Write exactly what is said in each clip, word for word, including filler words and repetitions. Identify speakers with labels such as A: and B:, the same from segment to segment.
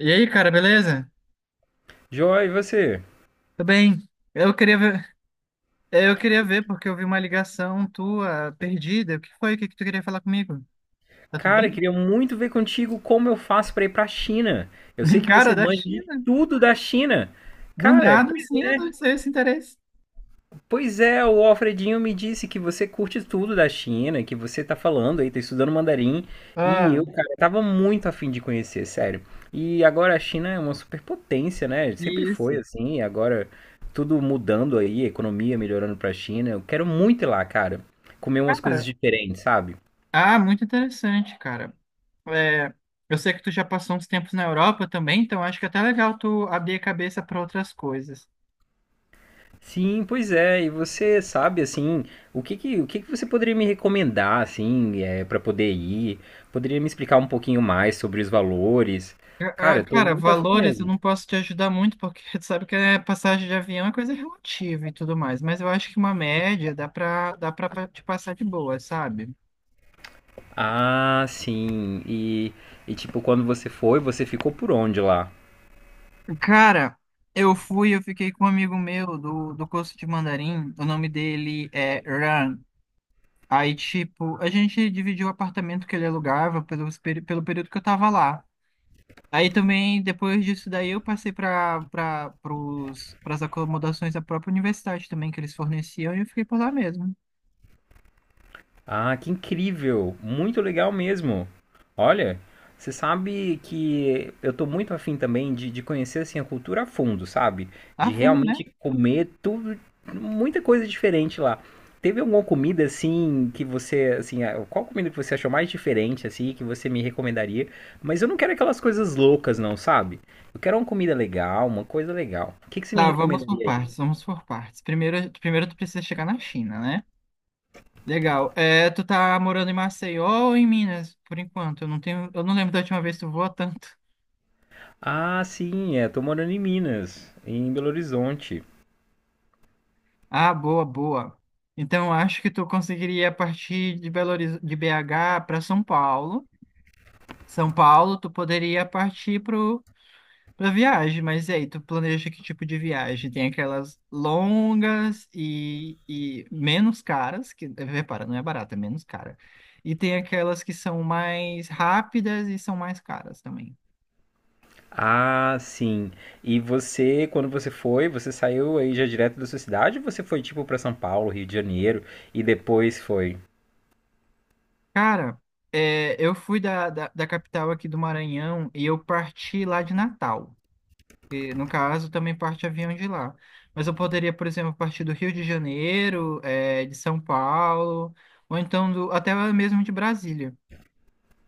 A: E aí, cara, beleza?
B: Joy, e você?
A: Tudo bem? Eu queria ver, eu queria ver porque eu vi uma ligação tua perdida. O que foi? O que que tu queria falar comigo? Tá tudo
B: Cara, eu
A: bem?
B: queria muito ver contigo como eu faço pra ir pra China. Eu sei que
A: Cara,
B: você
A: da
B: manja de
A: China.
B: tudo da China.
A: Do
B: Cara,
A: nada, sim,
B: pois
A: eu
B: é,
A: não sei esse interesse.
B: pois é, o Alfredinho me disse que você curte tudo da China, que você tá falando aí, tá estudando mandarim, e
A: Ah,
B: eu, cara, tava muito afim de conhecer, sério. E agora a China é uma superpotência, né? Sempre
A: isso.
B: foi assim, e agora tudo mudando aí, a economia melhorando pra China. Eu quero muito ir lá, cara, comer umas coisas
A: Cara,
B: diferentes, sabe?
A: ah, muito interessante, cara. É, eu sei que tu já passou uns tempos na Europa também, então acho que é até legal tu abrir a cabeça para outras coisas.
B: Sim, pois é. E você sabe assim, o que que, o que que você poderia me recomendar assim, é, para poder ir? Poderia me explicar um pouquinho mais sobre os valores?
A: Ah, ah,
B: Cara, eu tô
A: Cara,
B: muito afim
A: valores eu não
B: mesmo.
A: posso te ajudar muito, porque tu sabe que é passagem de avião é coisa relativa e tudo mais, mas eu acho que uma média dá pra, dá pra te passar de boa, sabe?
B: Ah, sim. E, e tipo, quando você foi, você ficou por onde lá?
A: Cara, eu fui, eu fiquei com um amigo meu do, do curso de mandarim, o nome dele é Ran. Aí, tipo, a gente dividiu o apartamento que ele alugava pelo, pelo período que eu tava lá. Aí também, depois disso daí, eu passei para para as acomodações da própria universidade também, que eles forneciam, e eu fiquei por lá mesmo.
B: Ah, que incrível! Muito legal mesmo. Olha, você sabe que eu tô muito afim também de, de conhecer assim a cultura a fundo, sabe?
A: Ah,
B: De
A: vamos, né?
B: realmente comer tudo, muita coisa diferente lá. Teve alguma comida assim que você, assim, ah, qual comida que você achou mais diferente assim que você me recomendaria? Mas eu não quero aquelas coisas loucas não, sabe? Eu quero uma comida legal, uma coisa legal. O que que você me
A: Tá, vamos por
B: recomendaria aí?
A: partes, vamos por partes. Primeiro, primeiro tu precisa chegar na China, né? Legal. É, tu tá morando em Maceió ou em Minas, por enquanto? Eu não tenho, eu não lembro da última vez que tu voou tanto.
B: Ah, sim, é, tô morando em Minas, em Belo Horizonte.
A: Ah, boa, boa. Então, eu acho que tu conseguiria partir de Belo Horiz- de B H para São Paulo. São Paulo, tu poderia partir para pra viagem, mas e aí, tu planeja que tipo de viagem? Tem aquelas longas e, e menos caras, que repara, não é barata, é menos cara. E tem aquelas que são mais rápidas e são mais caras também.
B: Ah, sim. E você, quando você foi, você saiu aí já direto da sua cidade ou você foi tipo para São Paulo, Rio de Janeiro e depois foi?
A: Cara, é, eu fui da, da, da capital aqui do Maranhão e eu parti lá de Natal. E, no caso, também parte avião de lá. Mas eu poderia, por exemplo, partir do Rio de Janeiro, é, de São Paulo, ou então do, até mesmo de Brasília.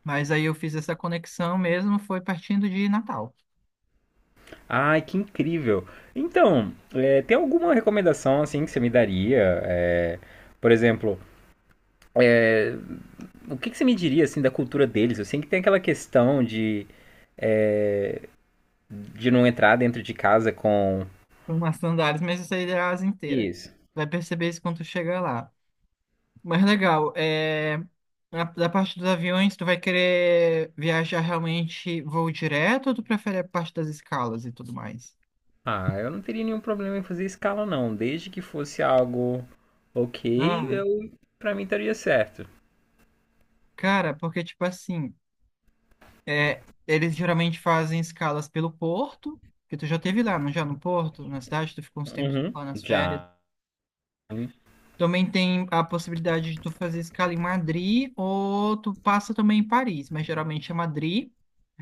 A: Mas aí eu fiz essa conexão mesmo, foi partindo de Natal.
B: Ai, que incrível. Então, é, tem alguma recomendação assim que você me daria? É, por exemplo, é, o que que você me diria assim da cultura deles? Eu sei que tem aquela questão de, de não entrar dentro de casa com
A: Umas sandálias, mas isso aí é a asa inteira.
B: isso.
A: Vai perceber isso quando tu chegar lá. Mas legal, é... na- da parte dos aviões, tu vai querer viajar realmente voo direto ou tu prefere a parte das escalas e tudo mais?
B: Ah, eu não teria nenhum problema em fazer escala não, desde que fosse algo
A: Ah,
B: ok, eu para mim estaria certo.
A: cara, porque tipo assim, é... eles geralmente fazem escalas pelo porto, que tu já teve lá, não já no porto, na cidade, tu ficou uns tempos
B: Uhum,
A: lá nas férias.
B: já.
A: Também tem a possibilidade de tu fazer escala em Madrid ou tu passa também em Paris, mas geralmente é Madrid.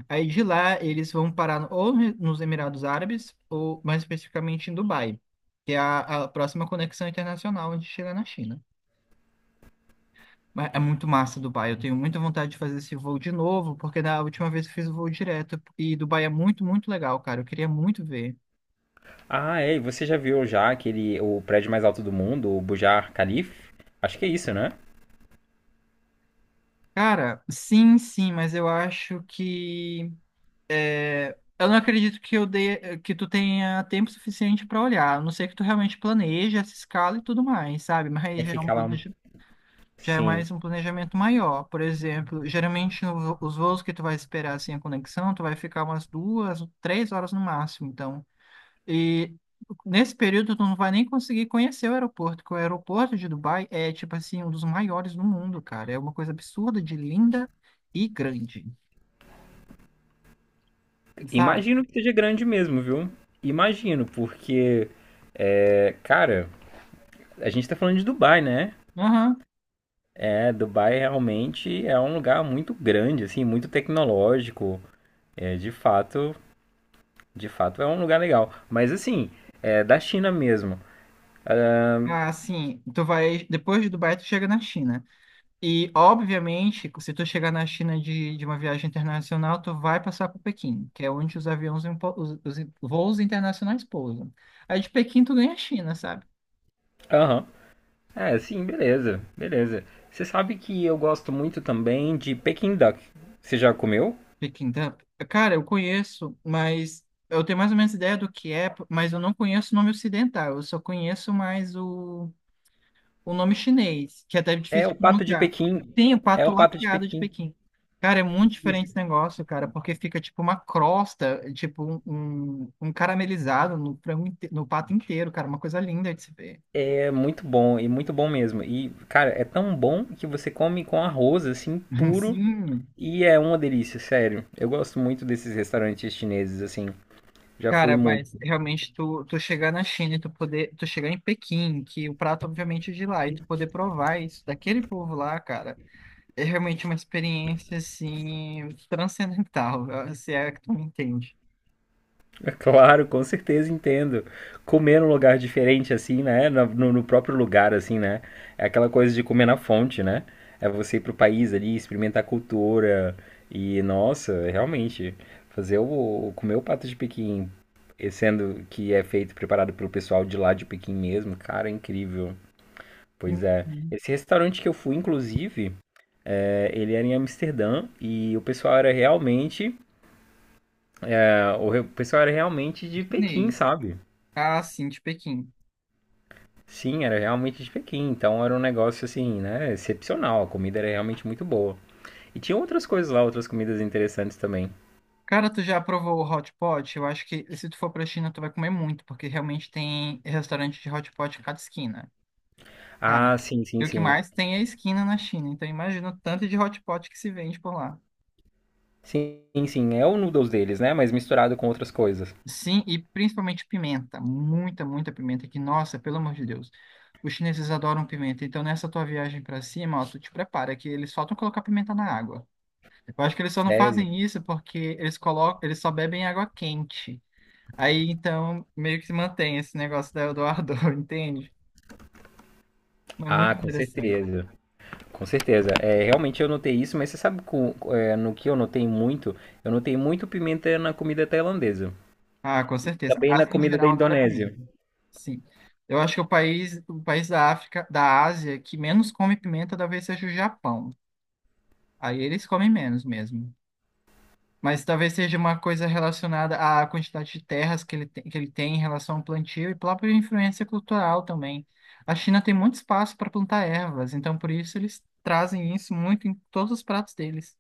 A: Aí de lá eles vão parar no- ou ne- nos Emirados Árabes ou mais especificamente em Dubai, que é a, a próxima conexão internacional onde chega na China. Mas é muito massa Dubai, eu tenho muita vontade de fazer esse voo de novo, porque da última vez eu fiz o voo direto e Dubai é muito, muito legal, cara. Eu queria muito ver.
B: Ah, é, e você já viu já aquele, o prédio mais alto do mundo, o Burj Khalifa? Acho que é isso, né?
A: Cara, sim, sim, mas eu acho que é, eu não acredito que eu dê, que tu tenha tempo suficiente para olhar. A não ser que tu realmente planeje essa escala e tudo mais, sabe? Mas
B: Vai
A: já é um
B: ficar lá, um-
A: planeja, já é
B: sim.
A: mais um planejamento maior. Por exemplo, geralmente no- vo- os voos que tu vai esperar assim a conexão, tu vai ficar umas duas, três horas no máximo. Então, e nesse período tu não vai nem conseguir conhecer o aeroporto, porque o aeroporto de Dubai é tipo assim um dos maiores do mundo, cara. É uma coisa absurda de linda e grande, sabe?
B: Imagino que seja grande mesmo, viu? Imagino, porque, é, cara, a gente tá falando de Dubai, né?
A: Aham.
B: É, Dubai realmente é um lugar muito grande, assim, muito tecnológico. É, de fato, de fato é um lugar legal. Mas assim, é da China mesmo.
A: Ah, sim. Tu vai, depois de Dubai, tu chega na China. E, obviamente, se tu chegar na China de, de uma viagem internacional, tu vai passar por Pequim, que é onde os aviões, impo- os, os voos internacionais pousam. Aí de Pequim tu ganha a China, sabe?
B: Aham. É, sim, beleza, beleza. Você sabe que eu gosto muito também de Peking Duck. Você já comeu?
A: Pequim, tá? Cara, eu conheço, mas eu tenho mais ou menos ideia do que é, mas eu não conheço o nome ocidental. Eu só conheço mais o o nome chinês, que é até
B: É
A: difícil de
B: o pato de
A: pronunciar.
B: Pequim.
A: Tem o
B: É
A: pato
B: o pato de
A: laqueado de
B: Pequim.
A: Pequim. Cara, é muito diferente
B: Isso.
A: esse negócio, cara, porque fica tipo uma crosta, tipo um, um, um caramelizado no frango, inte- no pato inteiro, cara, uma coisa linda de se ver.
B: É muito bom, e muito bom mesmo. E, cara, é tão bom que você come com arroz, assim, puro.
A: Sim.
B: E é uma delícia, sério. Eu gosto muito desses restaurantes chineses, assim. Já fui
A: Cara,
B: muito.
A: mas realmente tu, tu chegar na China e tu poder, tu chegar em Pequim, que o prato obviamente é de lá, e tu poder provar isso daquele povo lá, cara, é realmente uma experiência assim transcendental, se é que tu me entende.
B: Claro, com certeza entendo. Comer num lugar diferente, assim, né? na- No, no próprio lugar, assim, né? É aquela coisa de comer na fonte, né? É você ir pro país ali, experimentar a cultura. E, nossa, realmente, fazer o, o- comer o pato de Pequim, e sendo que é feito, preparado pelo pessoal de lá de Pequim mesmo, cara, é incrível. Pois é. Esse restaurante que eu fui, inclusive, é, ele era em Amsterdã e o pessoal era realmente, é, o re- o pessoal era realmente de Pequim,
A: Chinês.
B: sabe?
A: Ah, sim, de Pequim.
B: Sim, era realmente de Pequim, então era um negócio assim, né, excepcional. A comida era realmente muito boa. E tinha outras coisas lá, outras comidas interessantes também.
A: Cara, tu já provou o hot pot? Eu acho que se tu for pra China, tu vai comer muito, porque realmente tem restaurante de hot pot em cada esquina. Cara,
B: Ah, sim,
A: e
B: sim,
A: o que
B: sim.
A: mais tem é esquina na China, então imagina o tanto de hot pot que se vende por lá.
B: Sim, sim, é o noodles deles, né, mas misturado com outras coisas.
A: Sim, e principalmente pimenta. Muita, muita pimenta, que, nossa, pelo amor de Deus. Os chineses adoram pimenta, então nessa tua viagem pra cima, ó, tu te prepara, que eles faltam colocar pimenta na água. Eu acho que eles só não
B: Sério?
A: fazem isso porque eles colocam, eles só bebem água quente. Aí então meio que se mantém esse negócio da Eldorado, entende? Mas muito
B: Ah, com
A: interessante.
B: certeza. Com certeza. É, realmente eu notei isso, mas você sabe com- é, no que eu notei muito? Eu notei muito pimenta na comida tailandesa.
A: Ah, com certeza.
B: Também
A: A
B: na
A: Ásia em
B: comida da
A: geral adora pimenta.
B: Indonésia.
A: Sim. Eu acho que o país, o país da África, da Ásia, que menos come pimenta talvez seja o Japão. Aí eles comem menos mesmo. Mas talvez seja uma coisa relacionada à quantidade de terras que ele tem, que ele tem em relação ao plantio e própria influência cultural também. A China tem muito espaço para plantar ervas, então por isso eles trazem isso muito em todos os pratos deles.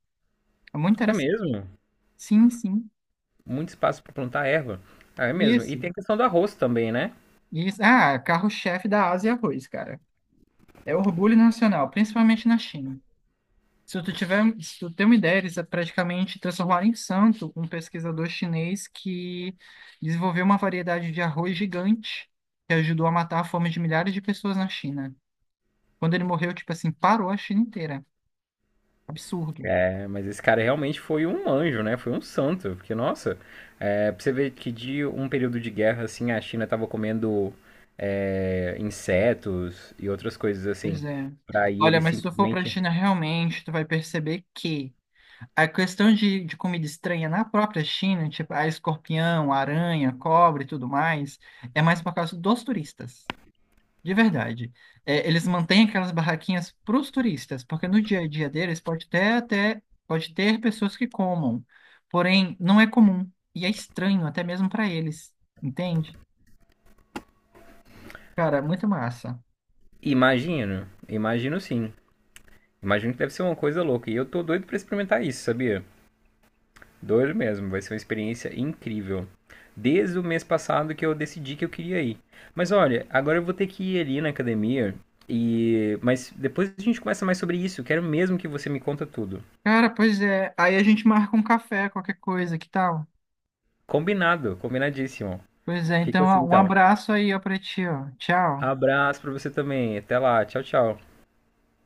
A: É muito
B: É
A: interessante.
B: mesmo?
A: Sim, sim.
B: Muito espaço para plantar erva. Ah, é mesmo. E
A: Isso,
B: tem a questão do arroz também, né?
A: isso. Ah, carro-chefe da Ásia é arroz, cara. É orgulho nacional, principalmente na China. Se tu tiver, se tu tem uma ideia, eles praticamente transformaram em santo um pesquisador chinês que desenvolveu uma variedade de arroz gigante que ajudou a matar a fome de milhares de pessoas na China. Quando ele morreu, tipo assim, parou a China inteira. Absurdo.
B: É, mas esse cara realmente foi um anjo, né? Foi um santo. Porque, nossa, é, pra você ver que de um período de guerra, assim, a China tava comendo é, insetos e outras coisas assim.
A: Pois é.
B: Pra aí
A: Olha,
B: ele
A: mas se tu for pra
B: simplesmente.
A: China realmente, tu vai perceber que a questão de, de comida estranha na própria China, tipo a escorpião, a aranha, cobra e tudo mais, é mais por causa dos turistas, de verdade. É, eles mantêm aquelas barraquinhas para os turistas, porque no dia a dia deles pode ter até pode ter pessoas que comam, porém não é comum e é estranho até mesmo para eles, entende? Cara, muito massa.
B: Imagino, imagino sim. Imagino que deve ser uma coisa louca. E eu tô doido pra experimentar isso, sabia? Doido mesmo, vai ser uma experiência incrível. Desde o mês passado que eu decidi que eu queria ir. Mas olha, agora eu vou ter que ir ali na academia e mas depois a gente conversa mais sobre isso. Quero mesmo que você me conta tudo.
A: Cara, pois é. Aí a gente marca um café, qualquer coisa, que tal?
B: Combinado, combinadíssimo.
A: Pois é.
B: Fica
A: Então,
B: assim
A: ó, um
B: então.
A: abraço aí ó, para ti, ó. Tchau.
B: Abraço pra você também. Até lá. Tchau, tchau.